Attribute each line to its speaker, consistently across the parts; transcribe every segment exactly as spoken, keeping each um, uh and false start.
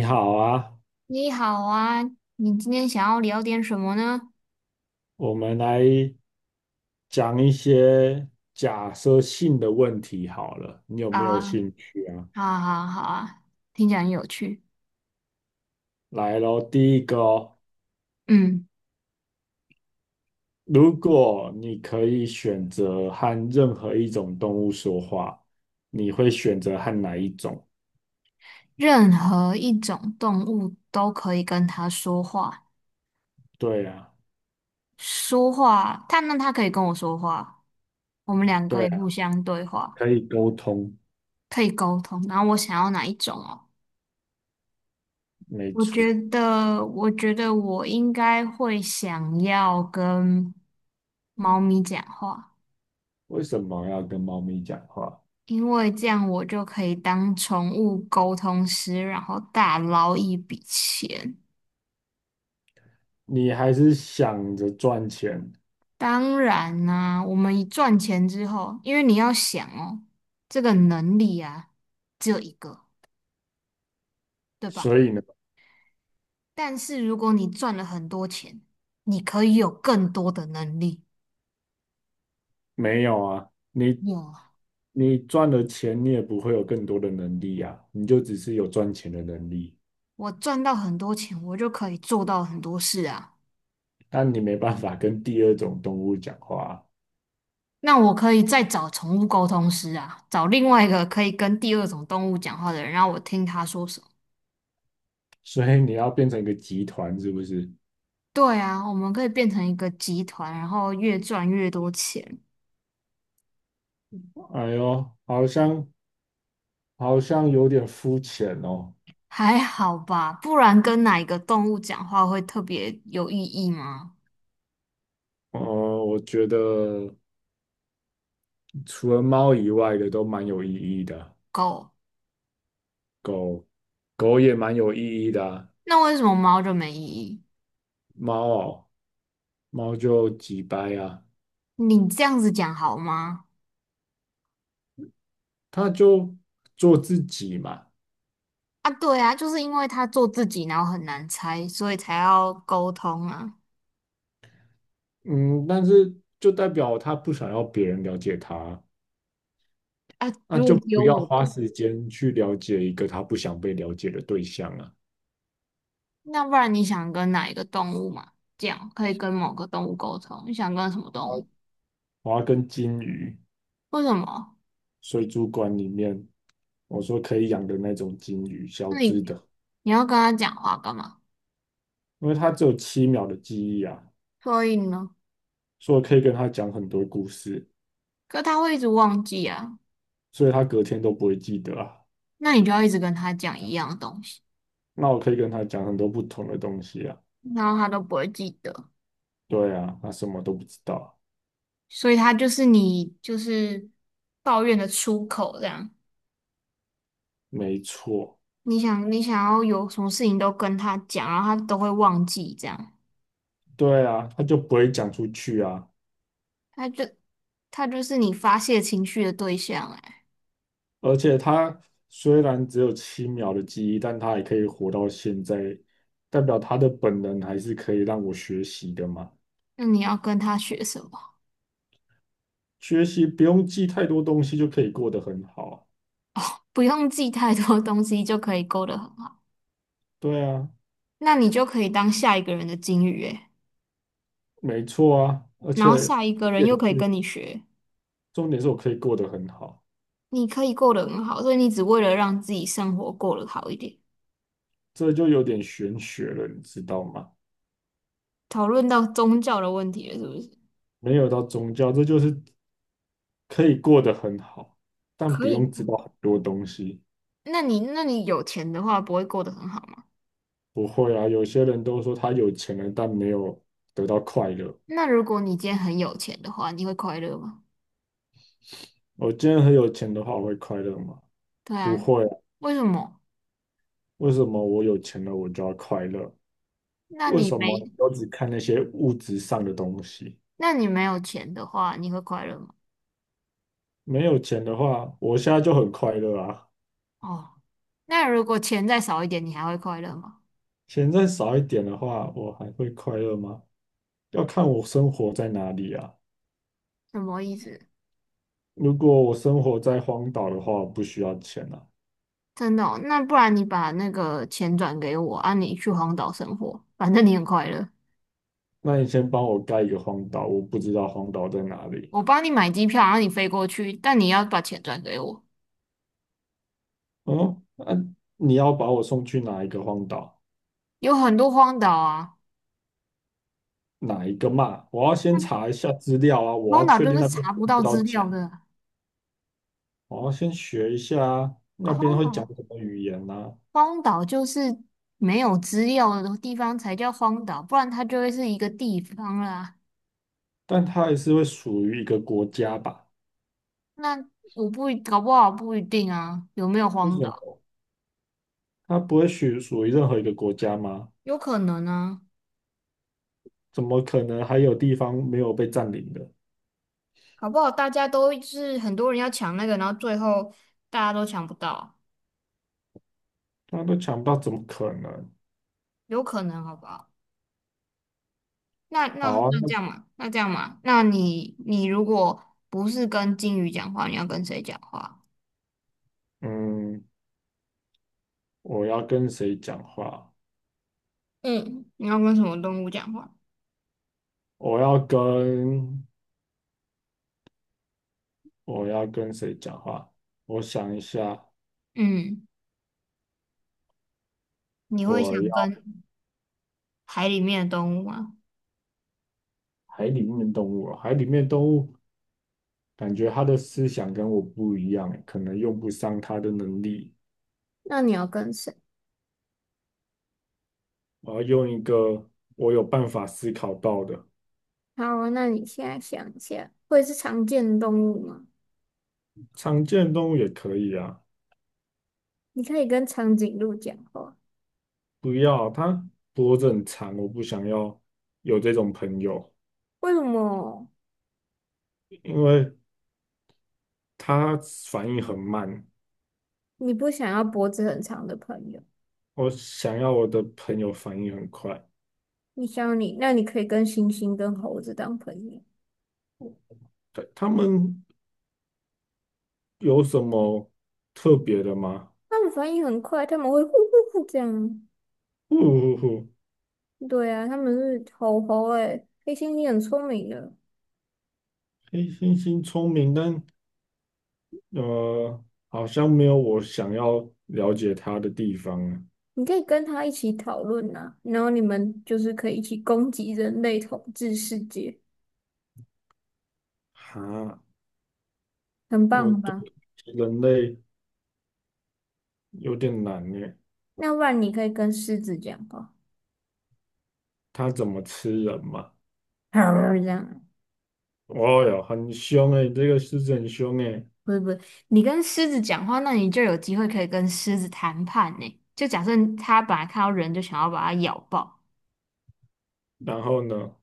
Speaker 1: 你好啊，
Speaker 2: 你好啊，你今天想要聊点什么呢？
Speaker 1: 我们来讲一些假设性的问题好了，你有
Speaker 2: 好
Speaker 1: 没有
Speaker 2: 啊，
Speaker 1: 兴趣啊？
Speaker 2: 好啊，好啊，好啊，听起来很有趣。
Speaker 1: 来咯，第一个哦，
Speaker 2: 嗯，
Speaker 1: 如果你可以选择和任何一种动物说话，你会选择和哪一种？
Speaker 2: 任何一种动物都可以跟它说话，
Speaker 1: 对啊，
Speaker 2: 说话，它那它可以跟我说话，我们两个
Speaker 1: 对
Speaker 2: 也互
Speaker 1: 啊，
Speaker 2: 相对话，
Speaker 1: 可以沟通，
Speaker 2: 可以沟通。然后我想要哪一种哦？
Speaker 1: 没
Speaker 2: 我
Speaker 1: 错。
Speaker 2: 觉得，我觉得我应该会想要跟猫咪讲话。
Speaker 1: 为什么要跟猫咪讲话？
Speaker 2: 因为这样我就可以当宠物沟通师，然后大捞一笔钱。
Speaker 1: 你还是想着赚钱，
Speaker 2: 当然啦、我们一赚钱之后，因为你要想哦，这个能力啊，只有一个，对吧？
Speaker 1: 所以呢？
Speaker 2: 但是如果你赚了很多钱，你可以有更多的能力。
Speaker 1: 没有啊，你
Speaker 2: 有，
Speaker 1: 你赚了钱，你也不会有更多的能力啊，你就只是有赚钱的能力，
Speaker 2: 我赚到很多钱，我就可以做到很多事啊。
Speaker 1: 但你没办法跟第二种动物讲话啊。
Speaker 2: 那我可以再找宠物沟通师啊，找另外一个可以跟第二种动物讲话的人，让我听他说什么。
Speaker 1: 所以你要变成一个集团，是不是？
Speaker 2: 对啊，我们可以变成一个集团，然后越赚越多钱，
Speaker 1: 哎呦，好像好像有点肤浅哦。
Speaker 2: 还好吧？不然跟哪一个动物讲话会特别有意义吗？
Speaker 1: 哦，我觉得除了猫以外的都蛮有意义的，
Speaker 2: 狗，
Speaker 1: 狗也蛮有意义的啊。
Speaker 2: 那为什么猫就没意义？
Speaker 1: 猫哦，猫就几掰啊，
Speaker 2: 你这样子讲好吗？
Speaker 1: 它就做自己嘛。
Speaker 2: 啊，对啊，就是因为它做自己，然后很难猜，所以才要沟通啊。
Speaker 1: 嗯，但是就代表他不想要别人了解他，
Speaker 2: 啊，
Speaker 1: 那
Speaker 2: 如
Speaker 1: 就
Speaker 2: 果只有
Speaker 1: 不要
Speaker 2: 我
Speaker 1: 花
Speaker 2: 们，
Speaker 1: 时间去了解一个他不想被了解的对象啊。
Speaker 2: 那不然你想跟哪一个动物嘛？这样可以跟某个动物沟通，你想跟什么动物？
Speaker 1: 我要跟金鱼，
Speaker 2: 为什么？
Speaker 1: 水族馆里面，我说可以养的那种金鱼，小
Speaker 2: 那
Speaker 1: 只
Speaker 2: 你
Speaker 1: 的，
Speaker 2: 你要跟他讲话干嘛？
Speaker 1: 因为它只有七秒的记忆啊，
Speaker 2: 所以呢，
Speaker 1: 所以我可以跟它讲很多故事，
Speaker 2: 可他会一直忘记啊，
Speaker 1: 所以它隔天都不会记得啊。
Speaker 2: 那你就要一直跟他讲一样的东西，
Speaker 1: 那我可以跟它讲很多不同的东西啊。
Speaker 2: 然后他都不会记得，
Speaker 1: 对啊，它什么都不知道，
Speaker 2: 所以他就是你就是抱怨的出口这样。
Speaker 1: 没错，
Speaker 2: 你想你想要有什么事情都跟他讲，然后他都会忘记这样，
Speaker 1: 对啊，它就不会讲出去啊。
Speaker 2: 他就他就是你发泄情绪的对象哎，
Speaker 1: 而且他虽然只有七秒的记忆，但他也可以活到现在，代表他的本能还是可以让我学习的嘛。
Speaker 2: 那你要跟他学什么？
Speaker 1: 学习不用记太多东西就可以过得很好啊。
Speaker 2: 不用记太多东西就可以勾得很好，
Speaker 1: 对啊，
Speaker 2: 那你就可以当下一个人的金鱼哎，
Speaker 1: 没错啊，而
Speaker 2: 然
Speaker 1: 且
Speaker 2: 后下一个
Speaker 1: 重
Speaker 2: 人
Speaker 1: 点
Speaker 2: 又可以
Speaker 1: 是
Speaker 2: 跟你学。
Speaker 1: 重点是我可以过得很好，
Speaker 2: 你可以过得很好，所以你只为了让自己生活过得好一点。
Speaker 1: 这就有点玄学了，你知道吗？
Speaker 2: 讨论到宗教的问题了，是不是？
Speaker 1: 没有到宗教，这就是可以过得很好，但
Speaker 2: 可
Speaker 1: 不
Speaker 2: 以
Speaker 1: 用知
Speaker 2: 过
Speaker 1: 道很多东西。
Speaker 2: 那你那你有钱的话，不会过得很好吗？
Speaker 1: 不会啊，有些人都说他有钱了，但没有得到快乐。
Speaker 2: 那如果你今天很有钱的话，你会快乐吗？
Speaker 1: 我今天很有钱的话，我会快乐吗？
Speaker 2: 对
Speaker 1: 不
Speaker 2: 啊，
Speaker 1: 会啊。
Speaker 2: 为什么？
Speaker 1: 为什么我有钱了，我就要快乐？
Speaker 2: 那
Speaker 1: 为
Speaker 2: 你
Speaker 1: 什么
Speaker 2: 没
Speaker 1: 你都只看那些物质上的东西？
Speaker 2: 那你没有钱的话，你会快乐吗？
Speaker 1: 没有钱的话，我现在就很快乐啊。
Speaker 2: 哦，那如果钱再少一点，你还会快乐吗？
Speaker 1: 钱再少一点的话，我还会快乐吗？要看我生活在哪里啊。
Speaker 2: 什么意思？
Speaker 1: 如果我生活在荒岛的话，我不需要钱啊。
Speaker 2: 真的哦那不然你把那个钱转给我啊，你去荒岛生活，反正你很快乐。
Speaker 1: 那你先帮我盖一个荒岛，我不知道荒岛在哪里。
Speaker 2: 我帮你买机票，然后你飞过去，但你要把钱转给我。
Speaker 1: 嗯，那、你要把我送去哪一个荒岛？
Speaker 2: 有很多荒岛啊，
Speaker 1: 哪一个嘛？我要先
Speaker 2: 那
Speaker 1: 查一下资料啊，我
Speaker 2: 荒
Speaker 1: 要
Speaker 2: 岛
Speaker 1: 确
Speaker 2: 就
Speaker 1: 定
Speaker 2: 是
Speaker 1: 那边
Speaker 2: 查
Speaker 1: 付
Speaker 2: 不到
Speaker 1: 不到
Speaker 2: 资
Speaker 1: 钱，
Speaker 2: 料的
Speaker 1: 我要先学一下
Speaker 2: 啊
Speaker 1: 那边
Speaker 2: 荒
Speaker 1: 会讲
Speaker 2: 岛
Speaker 1: 什么语言啊。
Speaker 2: 荒岛就是没有资料的地方才叫荒岛，不然它就会是一个地方啦。
Speaker 1: 但它还是会属于一个国家吧？
Speaker 2: 那我不一搞不好不一定啊，有没有
Speaker 1: 为
Speaker 2: 荒
Speaker 1: 什
Speaker 2: 岛？
Speaker 1: 么？它不会属属于任何一个国家吗？
Speaker 2: 有可能啊，
Speaker 1: 怎么可能还有地方没有被占领的？
Speaker 2: 搞不好大家都是很多人要抢那个，然后最后大家都抢不到，
Speaker 1: 大家都抢不到，怎么可能？
Speaker 2: 有可能好不好？那
Speaker 1: 好
Speaker 2: 那
Speaker 1: 啊，
Speaker 2: 那这
Speaker 1: 那
Speaker 2: 样嘛，那这样嘛，那你你如果不是跟鲸鱼讲话，你要跟谁讲话？
Speaker 1: 嗯，我要跟谁讲话？
Speaker 2: 嗯，你要跟什么动物讲话？
Speaker 1: 我要跟我要跟谁讲话？我想一下，
Speaker 2: 嗯，你会
Speaker 1: 我。
Speaker 2: 想
Speaker 1: 要。
Speaker 2: 跟海里面的动物吗？
Speaker 1: 海里面的动物啊，海里面的动物感觉它的思想跟我不一样欸，可能用不上它的能力。
Speaker 2: 那你要跟谁？
Speaker 1: 我要用一个我有办法思考到的，
Speaker 2: 好啊那你现在想一下，会是常见的动物吗？
Speaker 1: 常见的动物也可以啊。
Speaker 2: 你可以跟长颈鹿讲话，
Speaker 1: 不要啊，它脖子很长，我不想要有这种朋友，
Speaker 2: 为什么
Speaker 1: 因为它反应很慢。
Speaker 2: 你不想要脖子很长的朋友？
Speaker 1: 我想要我的朋友反应很快。
Speaker 2: 你想你，那你可以跟猩猩跟猴子当朋友，
Speaker 1: 对，他们有什么特别的吗？
Speaker 2: 他们反应很快，他们会呼呼呼这样。
Speaker 1: 不不不，
Speaker 2: 对啊，他们是猴猴哎，黑猩猩很聪明的，
Speaker 1: 黑猩猩聪明，但呃，好像没有我想要了解它的地方啊。
Speaker 2: 你可以跟他一起讨论呐，然后你们就是可以一起攻击人类统治世界，
Speaker 1: 哈，
Speaker 2: 很棒
Speaker 1: 我对
Speaker 2: 吧？
Speaker 1: 人类有点难耶，
Speaker 2: 那不然你可以跟狮子讲话，
Speaker 1: 它怎么吃人嘛？
Speaker 2: 这样，
Speaker 1: 哦哟，很凶诶，这个狮子很凶诶。
Speaker 2: 不是不是，你跟狮子讲话，那你就有机会可以跟狮子谈判呢。就假设它本来看到人就想要把它咬爆。
Speaker 1: 然后呢，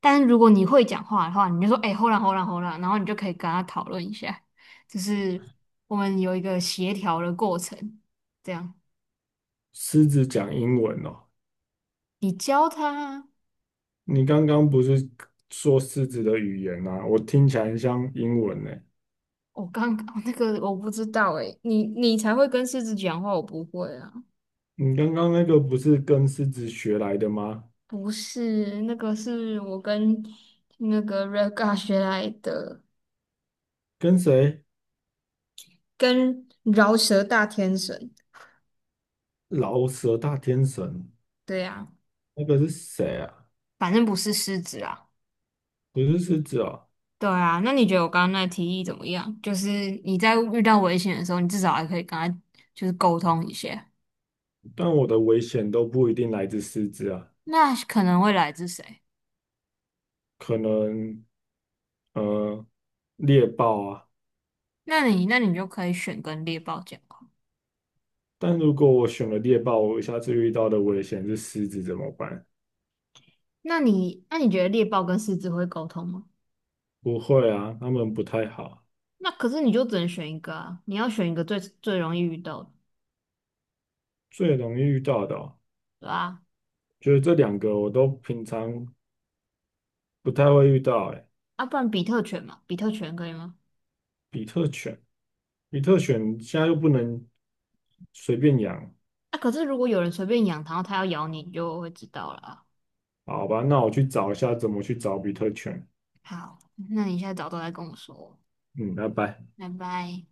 Speaker 2: 但是如果你会讲话的话，你就说哎，hold on hold on hold on，然后你就可以跟他讨论一下，就是我们有一个协调的过程，这样
Speaker 1: 狮子讲英文哦。
Speaker 2: 你教他。
Speaker 1: 你刚刚不是说狮子的语言啊？我听起来很像英文呢。
Speaker 2: 我刚刚那个我不知道诶，你你才会跟狮子讲话，我不会啊。
Speaker 1: 你刚刚那个不是跟狮子学来的吗？
Speaker 2: 不是，那个是我跟那个 Raga 学来的，
Speaker 1: 跟谁？
Speaker 2: 跟饶舌大天神。
Speaker 1: 老舍大天神，
Speaker 2: 对啊，
Speaker 1: 那个是谁啊？
Speaker 2: 反正不是狮子啊。
Speaker 1: 不是狮子哦。
Speaker 2: 对啊，那你觉得我刚刚那提议怎么样？就是你在遇到危险的时候，你至少还可以跟他就是沟通一下，
Speaker 1: 但我的危险都不一定来自狮子啊，
Speaker 2: 那可能会来自谁？
Speaker 1: 可能呃猎豹啊。
Speaker 2: 那你那你就可以选跟猎豹讲话。
Speaker 1: 但如果我选了猎豹，我下次遇到的危险是狮子怎么办？
Speaker 2: 那你那你觉得猎豹跟狮子会沟通吗？
Speaker 1: 不会啊，他们不太好，
Speaker 2: 那可是你就只能选一个啊，你要选一个最最容易遇到的，
Speaker 1: 最容易遇到的哦
Speaker 2: 对啊，
Speaker 1: 就是这两个我都平常不太会遇到。哎，
Speaker 2: 啊，不然比特犬嘛，比特犬可以吗？
Speaker 1: 比特犬，比特犬现在又不能随便养，
Speaker 2: 啊，可是如果有人随便养，然后它要咬你，你就会知道了啊。
Speaker 1: 好吧？那我去找一下怎么去找比特犬。
Speaker 2: 好，那你现在早都来跟我说，
Speaker 1: 嗯，拜拜。
Speaker 2: 拜拜。